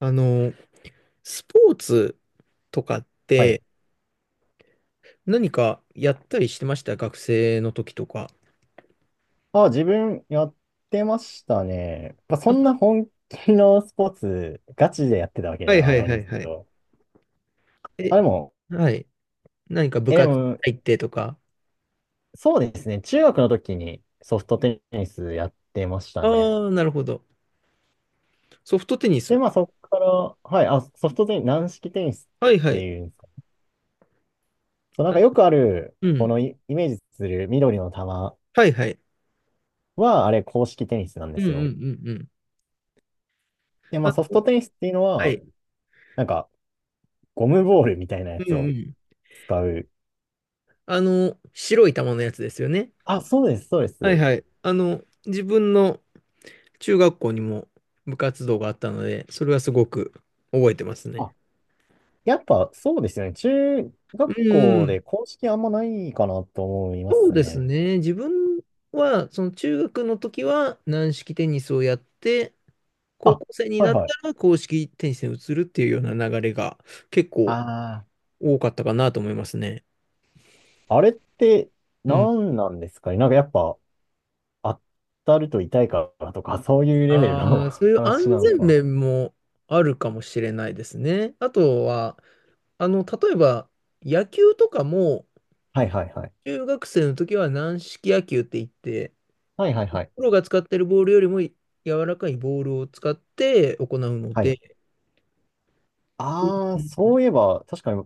あの、スポーツとかっはい。て何かやったりしてました学生の時とか。あ、自分やってましたね。まあ、そんあな本気のスポーツ、ガチでやってたわけはでいははいないはんでいすはけい。ど。え、あ、でも、はい。何か部え、で活も、入ってとか。そうですね。中学の時にソフトテニスやってましたね。ああ、なるほど。ソフトテニで、ス。まあそこから、はい、あ、ソフトテニス、軟式テニスっはいはてい。いうんですか。そう、なんあ、かよくある、うこん。のイメージする緑の球はいはい。は、あれ、公式テニスなんでうんうすんうよ。んうん。で、あまあソフトの、テニスっていうのはは、い。なんか、ゴムボールみたいなやうつんうをん。使う。白い球のやつですよね。あ、そうです、そうではいす。はい。自分の中学校にも部活動があったので、それはすごく覚えてますね。あ、やっぱそうですよね。中う学んう校でん。公式あんまないかなと思いまそうすですね。ね。自分は、その中学の時は軟式テニスをやって、高あ、校生にはいなったはい。ら硬式テニスに移るっていうような流れが結構あ多かったかなと思いますね。あ、あれってうん。何なんですかね。なんかやっぱ当たると痛いからとか、そういうレベルの ああ、そう いう安話なの全か。面もあるかもしれないですね。あとは、例えば野球とかも、はいはいはい。中学生の時は軟式野球って言って、はいはいはい。プロが使ってるボールよりも柔らかいボールを使って行うのはい。で、うああ、ん、そういえば、確かに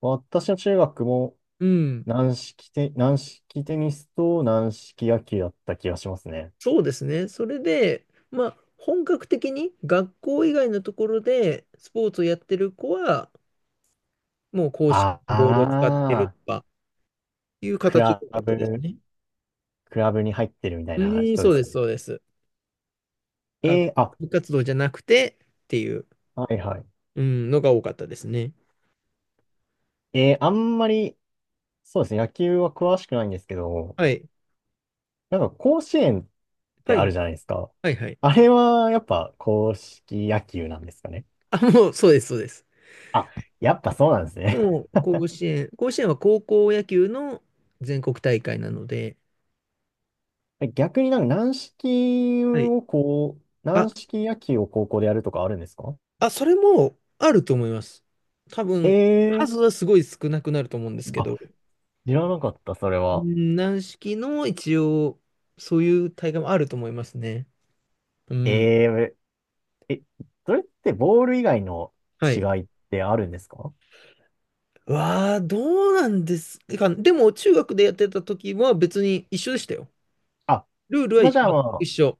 私の中学もうん軟式テニスと軟式野球だった気がしますね。そうですね。それで、まあ、本格的に学校以外のところでスポーツをやってる子は、もう公式あのボールを使ってるあ、とかいうク形ラが多かったですブね。クラブに入ってるみたいうなーん、人そでうすでかす、ね。そうです。学あ、部活動じゃなくてっていう、はいはい。うん、のが多かったですね。あんまり、そうですね、野球は詳しくないんですけど、はい。なんか甲子園ってはあい。るじゃないですか。はい、はい。あれはやっぱ硬式野球なんですかね。あ、もう、そうです、そうです。あ、やっぱそうなんですね。もう、甲子園。甲子園は高校野球の全国大会なので、逆になんか軟式はい。をこう、あ、軟式野球を高校でやるとかあるんですか？それもあると思います。多え分、えー、数はすごい少なくなると思うんですけあ、ど、知らなかった、それは。軟式の一応、そういう大会もあると思いますね。うん。ええー、え、それってボール以外のは違い。いってあるんですか？わあ、どうなんですか。でも、中学でやってた時は別に一緒でしたよ。あ、ルールはまあ全じゃあくま一あ、緒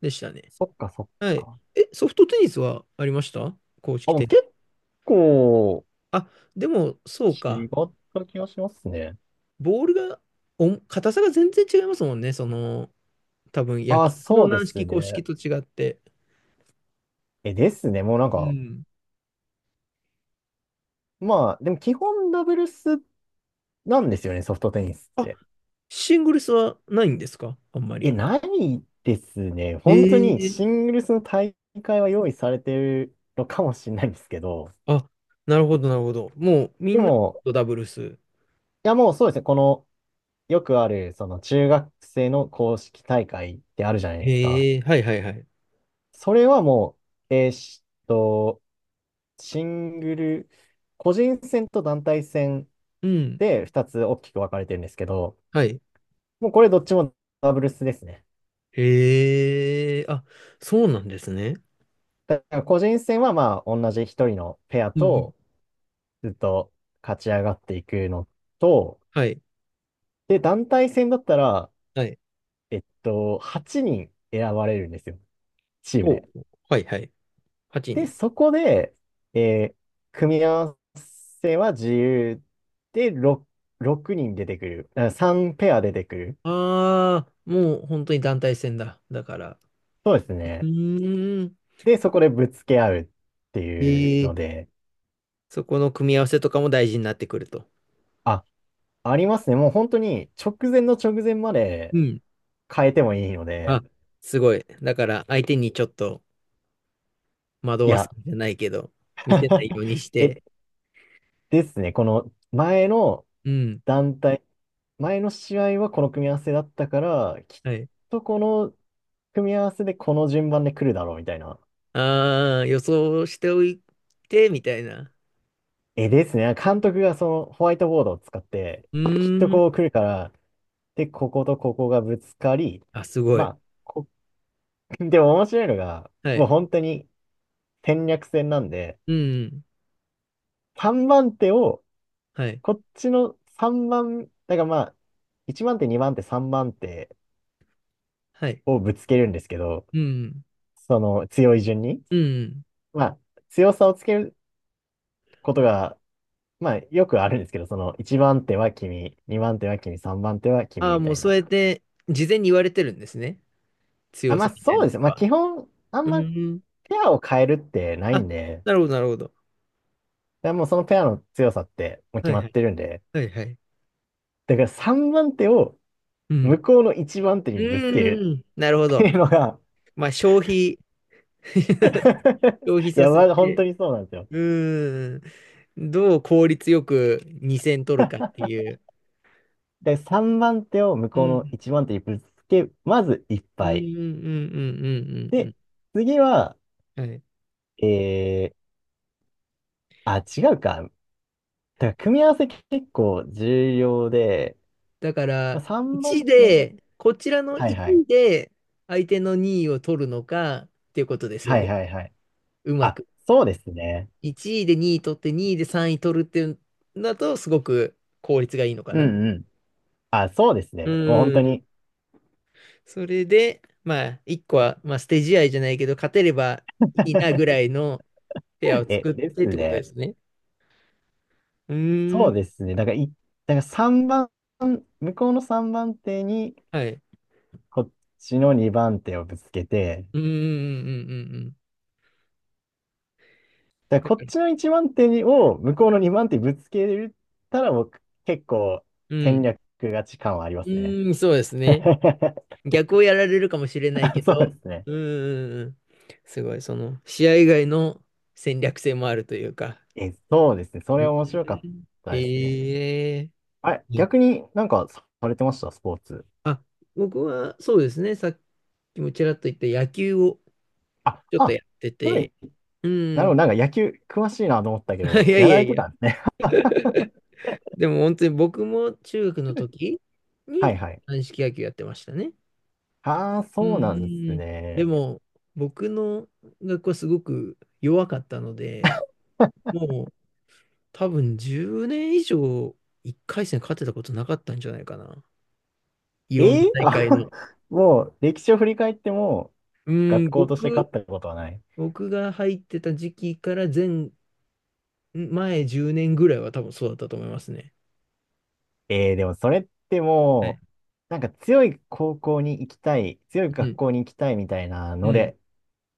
でしたね。そっかそっはい。か。ソフトテニスはありました公あ、式もテうニ結ス。構あ、でも、そう違か。った気がしますね。ボールが、硬さが全然違いますもんね。多分野あ、球そのうで軟す式硬式ね。と違って。ですね。もうなんうか、んまあ、でも基本ダブルスなんですよね、ソフトテニスっあて。シングルスはないんですかあんまり。ないですね。本当えにシえングルスの大会は用意されてるのかもしれないんですけど、あ、なるほど、なるほど。もうみでんなも、とダブルス。いやもうそうですね。この、よくある、その中学生の公式大会ってあるじゃないですか。へえ、はいはいはい。それはもう、えーっと、シングル、個人戦と団体戦うん。で2つ大きく分かれてるんですけど、はい。もうこれどっちもダブルスですね。へえ、そうなんですね。だから個人戦はまあ同じ1人のペアうんうん。とずっと勝ち上がっていくのと、はい。で、団体戦だったら、はい。8人選ばれるんですよ、チームほで。う。はいはい。8で、人。そこで、えー組み合わせは自由で6、6人出てくる。3ペア出てくる。ああ、もう本当に団体戦だ。だから。そうですうね。ーん。で、そこでぶつけ合うっていうへえ、ので、そこの組み合わせとかも大事になってくると。あ、ありますね。もう本当に直前の直前までうん変えてもいいのあ、で、すごい。だから相手にちょっと惑いわすや、んじゃないけど、見せないよ うにしえ、て。ですね。この前のうん。団体、前の試合はこの組み合わせだったから、きっはい。とこの組み合わせでこの順番で来るだろうみたいな。ああ、予想しておいて、みたいな。ですね。監督がそのホワイトボードを使って、うきっとーん。こう来るから、で、こことここがぶつかり、すごまい。あ、でも面白いのが、はもい。う本当に戦略戦なんで、うん。3番手を、はい。こっちの3番、だからまあ、1番手、2番手、3番手はい。をぶつけるんですけど、うん。その強い順に、うん。まあ、強さをつけることが、まあ、よくあるんですけど、その1番手は君、2番手は君、3番手は君ああ、みもたういそうな。やって事前に言われてるんですね。あ、強まさあみたいそうなでのす。まあは。基本、あんうまペーん。アを変えるってないあ、んで、なるほど、なるほど。だからもうそのペアの強さってもうは決いまはっい。てるんで、はいはい。だから3番手を、うん。向こうの一番手うにぶつけるーん。なるほってど。いうのが まあ、消費 消費 いさや、ませあ本て。当にそうなんですよ。うーん。どう効率よく2戦取るかっていう。で、3番手を向うこうのん。1番手にぶつけ、まずいっうんぱうい。んうんうんうんうんで、う次は、ん。はい。えー、あ、違うか。だから組み合わせ結構重要で、だかまら、あ、3 1番手、で、こちらのはいはい。1で相手の2位を取るのかっていうことですよはいね。はいはい。うまあ、く。そうですね。1位で2位取って2位で3位取るっていうんだとすごく効率がいいのかうな。んうん。あ、そうですうね。もう本当ん。に。それで、まあ、1個は、まあ、捨て試合じゃないけど、勝てればいいなぐら いのペアを作っでてっすてことでね。すね。うーそうでん。すね。だから3番、向こうの3番手に、はい。こっちの2番手をぶつけて、うんうんうんうんうんうん。だかだらこかっら、ちの1番手にを向こうの2番手にぶつけれたら、僕、結構う戦ん。略勝ち感はありまうすね。ーん、そうですね。逆をやられるかもしれないあ、けそうど、ですね。うんうんうんうん。すごい、試合以外の戦略性もあるというか。そうですね。そうれ面白かっん。たですね。へえ。あれ、うん逆になんかされてましたスポーツ？あ、僕はそうですね。さっきもちらっと言った野球をあ、ちょっとあ、やってはい。て、うなるん。ほど。なんか野球詳しいなと思ったけ ど、いややいらやれいてや。たんですね。でも本当に僕も中学の時はにいはい。軟式野球やってましたね。ああ、うそうなんですーん、でね。も、僕の学校はすごく弱かったので、もう多分10年以上1回戦勝てたことなかったんじゃないかな。いろんなええ大会あ の。もう歴史を振り返ってもう学ーん、校として勝っ僕、たことはない。僕が入ってた時期から前10年ぐらいは多分そうだったと思いますね。ええ、でもそれってはいもう、なんか強い高校に行きたい、強いう学ん、校に行きたいみたいなうのん。で、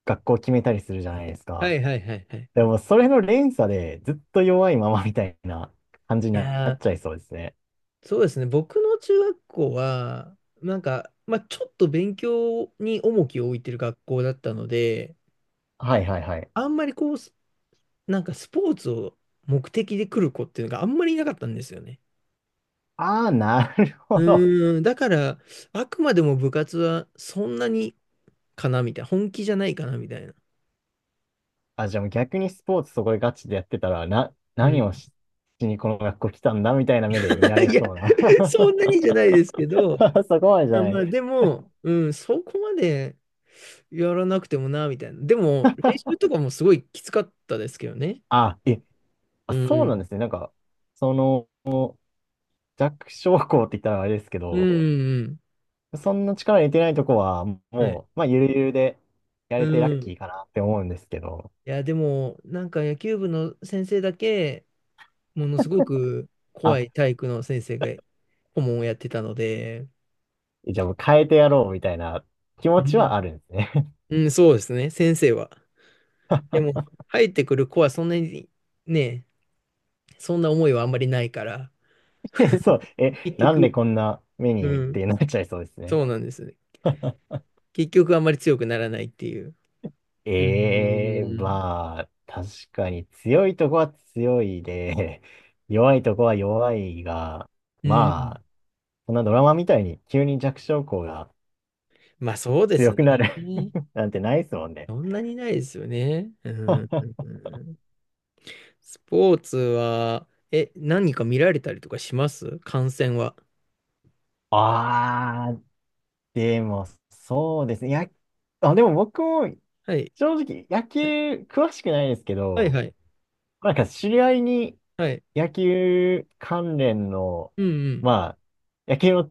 学校を決めたりするじゃないですはか。いはいはいはい。でもそれの連鎖でずっと弱いままみたいな感じにいなやっー、ちゃいそうですね。そうですね。僕の中学校は、なんか、まあ、ちょっと勉強に重きを置いてる学校だったので、はいはいはい。あんまりこう、なんかスポーツを目的で来る子っていうのがあんまりいなかったんですよね。ああ、なるほうど。ーん、だから、あくまでも部活はそんなにかなみたいな、本気じゃないかなみたいな。あ、じゃあもう逆にスポーツそこでガチでやってたら、な、う何ん。をし、しにこの学校来たんだみたいな目で見ら いれや、そうな。そんな にじゃないですけど、そこまでじゃない。まあでも、うん、そこまでやらなくてもな、みたいな。でも、練習とかもすごいきつかったですけどね。あ、あ、うそうなんん。ですね。なんか、その、弱小校って言ったらあれですけうんうど、んうん。そんな力入れてないとこは、もはい。う、まあ、ゆるゆるでやうれてラッん。キいーかなって思うんですけど、や、でも、なんか野球部の先生だけ、ものすごく怖あ、い体育の先生が顧問をやってたので、じゃあもう変えてやろうみたいな気う持ちん。はあるんですね。うん、そうですね、先生は。でも、入ってくる子はそんなにね、そんな思いはあんまりないから、そう、結なんで局、こんな目うにっん、てなっちゃいそうですね。そうなんですね。結局あんまり強くならないっていう。うええ、ん、まあ、確かに強いとこは強いで、弱いとこは弱いが、うまん、あ、そんなドラマみたいに急に弱小校がまあそうで強すくなる ね。なんてないですもんね。そんなにないですよね。うん、スポーツは、何か見られたりとかします観戦は。ああ、でも、そうですね。や、あ、でも僕もはい。正直野球はい、詳しくないですけはいど、はい。なんか知り合いにはい。野球関連の、うんうん。まあ、野球の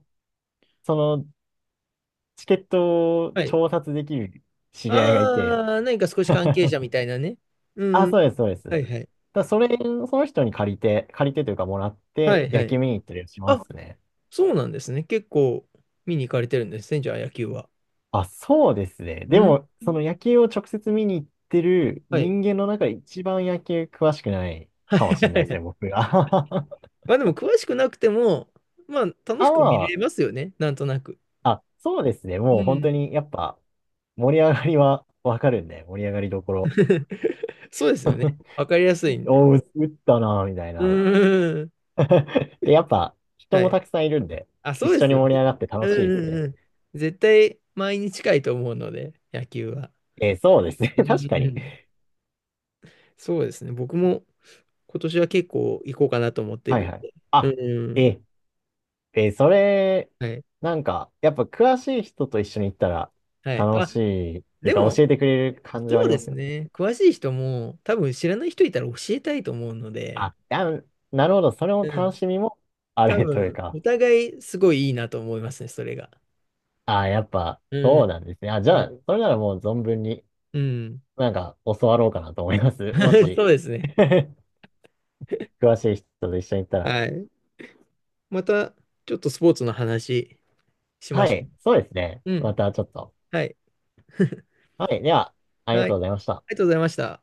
そのチケットをはい。調達できる知り合いがいて。ああ、何か少し関係者 みたいなね。うあ、ん。そうです、そうです。はだかいはい。らそれ、その人に借りて、借りてというかもらっはて、いは野球い。見に行ったりしまあ、すね。そうなんですね。結構見に行かれてるんですね、じゃあ野球は。あ、そうですね。うでん。も、その野球を直接見に行ってるはい。人間の中で一番野球詳しくないはいかもはしれないでいすはいね、僕が。まあでも詳しくなくても、まあ楽しあ、く見まれますよね、なんとなく。あ、あ、そうですね。うもう本当ん。にやっぱ盛り上がりはわかるんで、盛り上がりどころ。そうですよね。わかりやすいんで。おう、打ったな、みたいうな。ん。で、やっぱ人はもい。たくさんいるんで、一そうで緒すによ盛りね。上がって楽うしいでんすうね。んうん。絶対毎日近いと思うので、野球は。そうですね。う ん確かうに。ん。そうですね。僕も今年は結構行こうかなと思ってはいるはい。んで。あ、うん。え、えーそれ、はい。なんか、やっぱ詳しい人と一緒に行ったらはい。楽しいっていうでかも、教えてくれる感じはそあうりでますすよね。ね。詳しい人も多分知らない人いたら教えたいと思うので、あ、あの、なるほど。それもう楽ん。しみもあ多れという分、か、お互いすごいいいなと思いますね、それが。あ、やっぱうそん。うなんですね。あ、じうゃん。あ、それならもう存分にうん なんか教わろうかなと思います。も そし、うですね。詳しい人と一緒に行ったら。はい。また、ちょっとスポーツの話しまはしょい。そうですね。う。うまん。たちょっと。はい。はい。では、ありがはい。とあうりございました。がとうございました。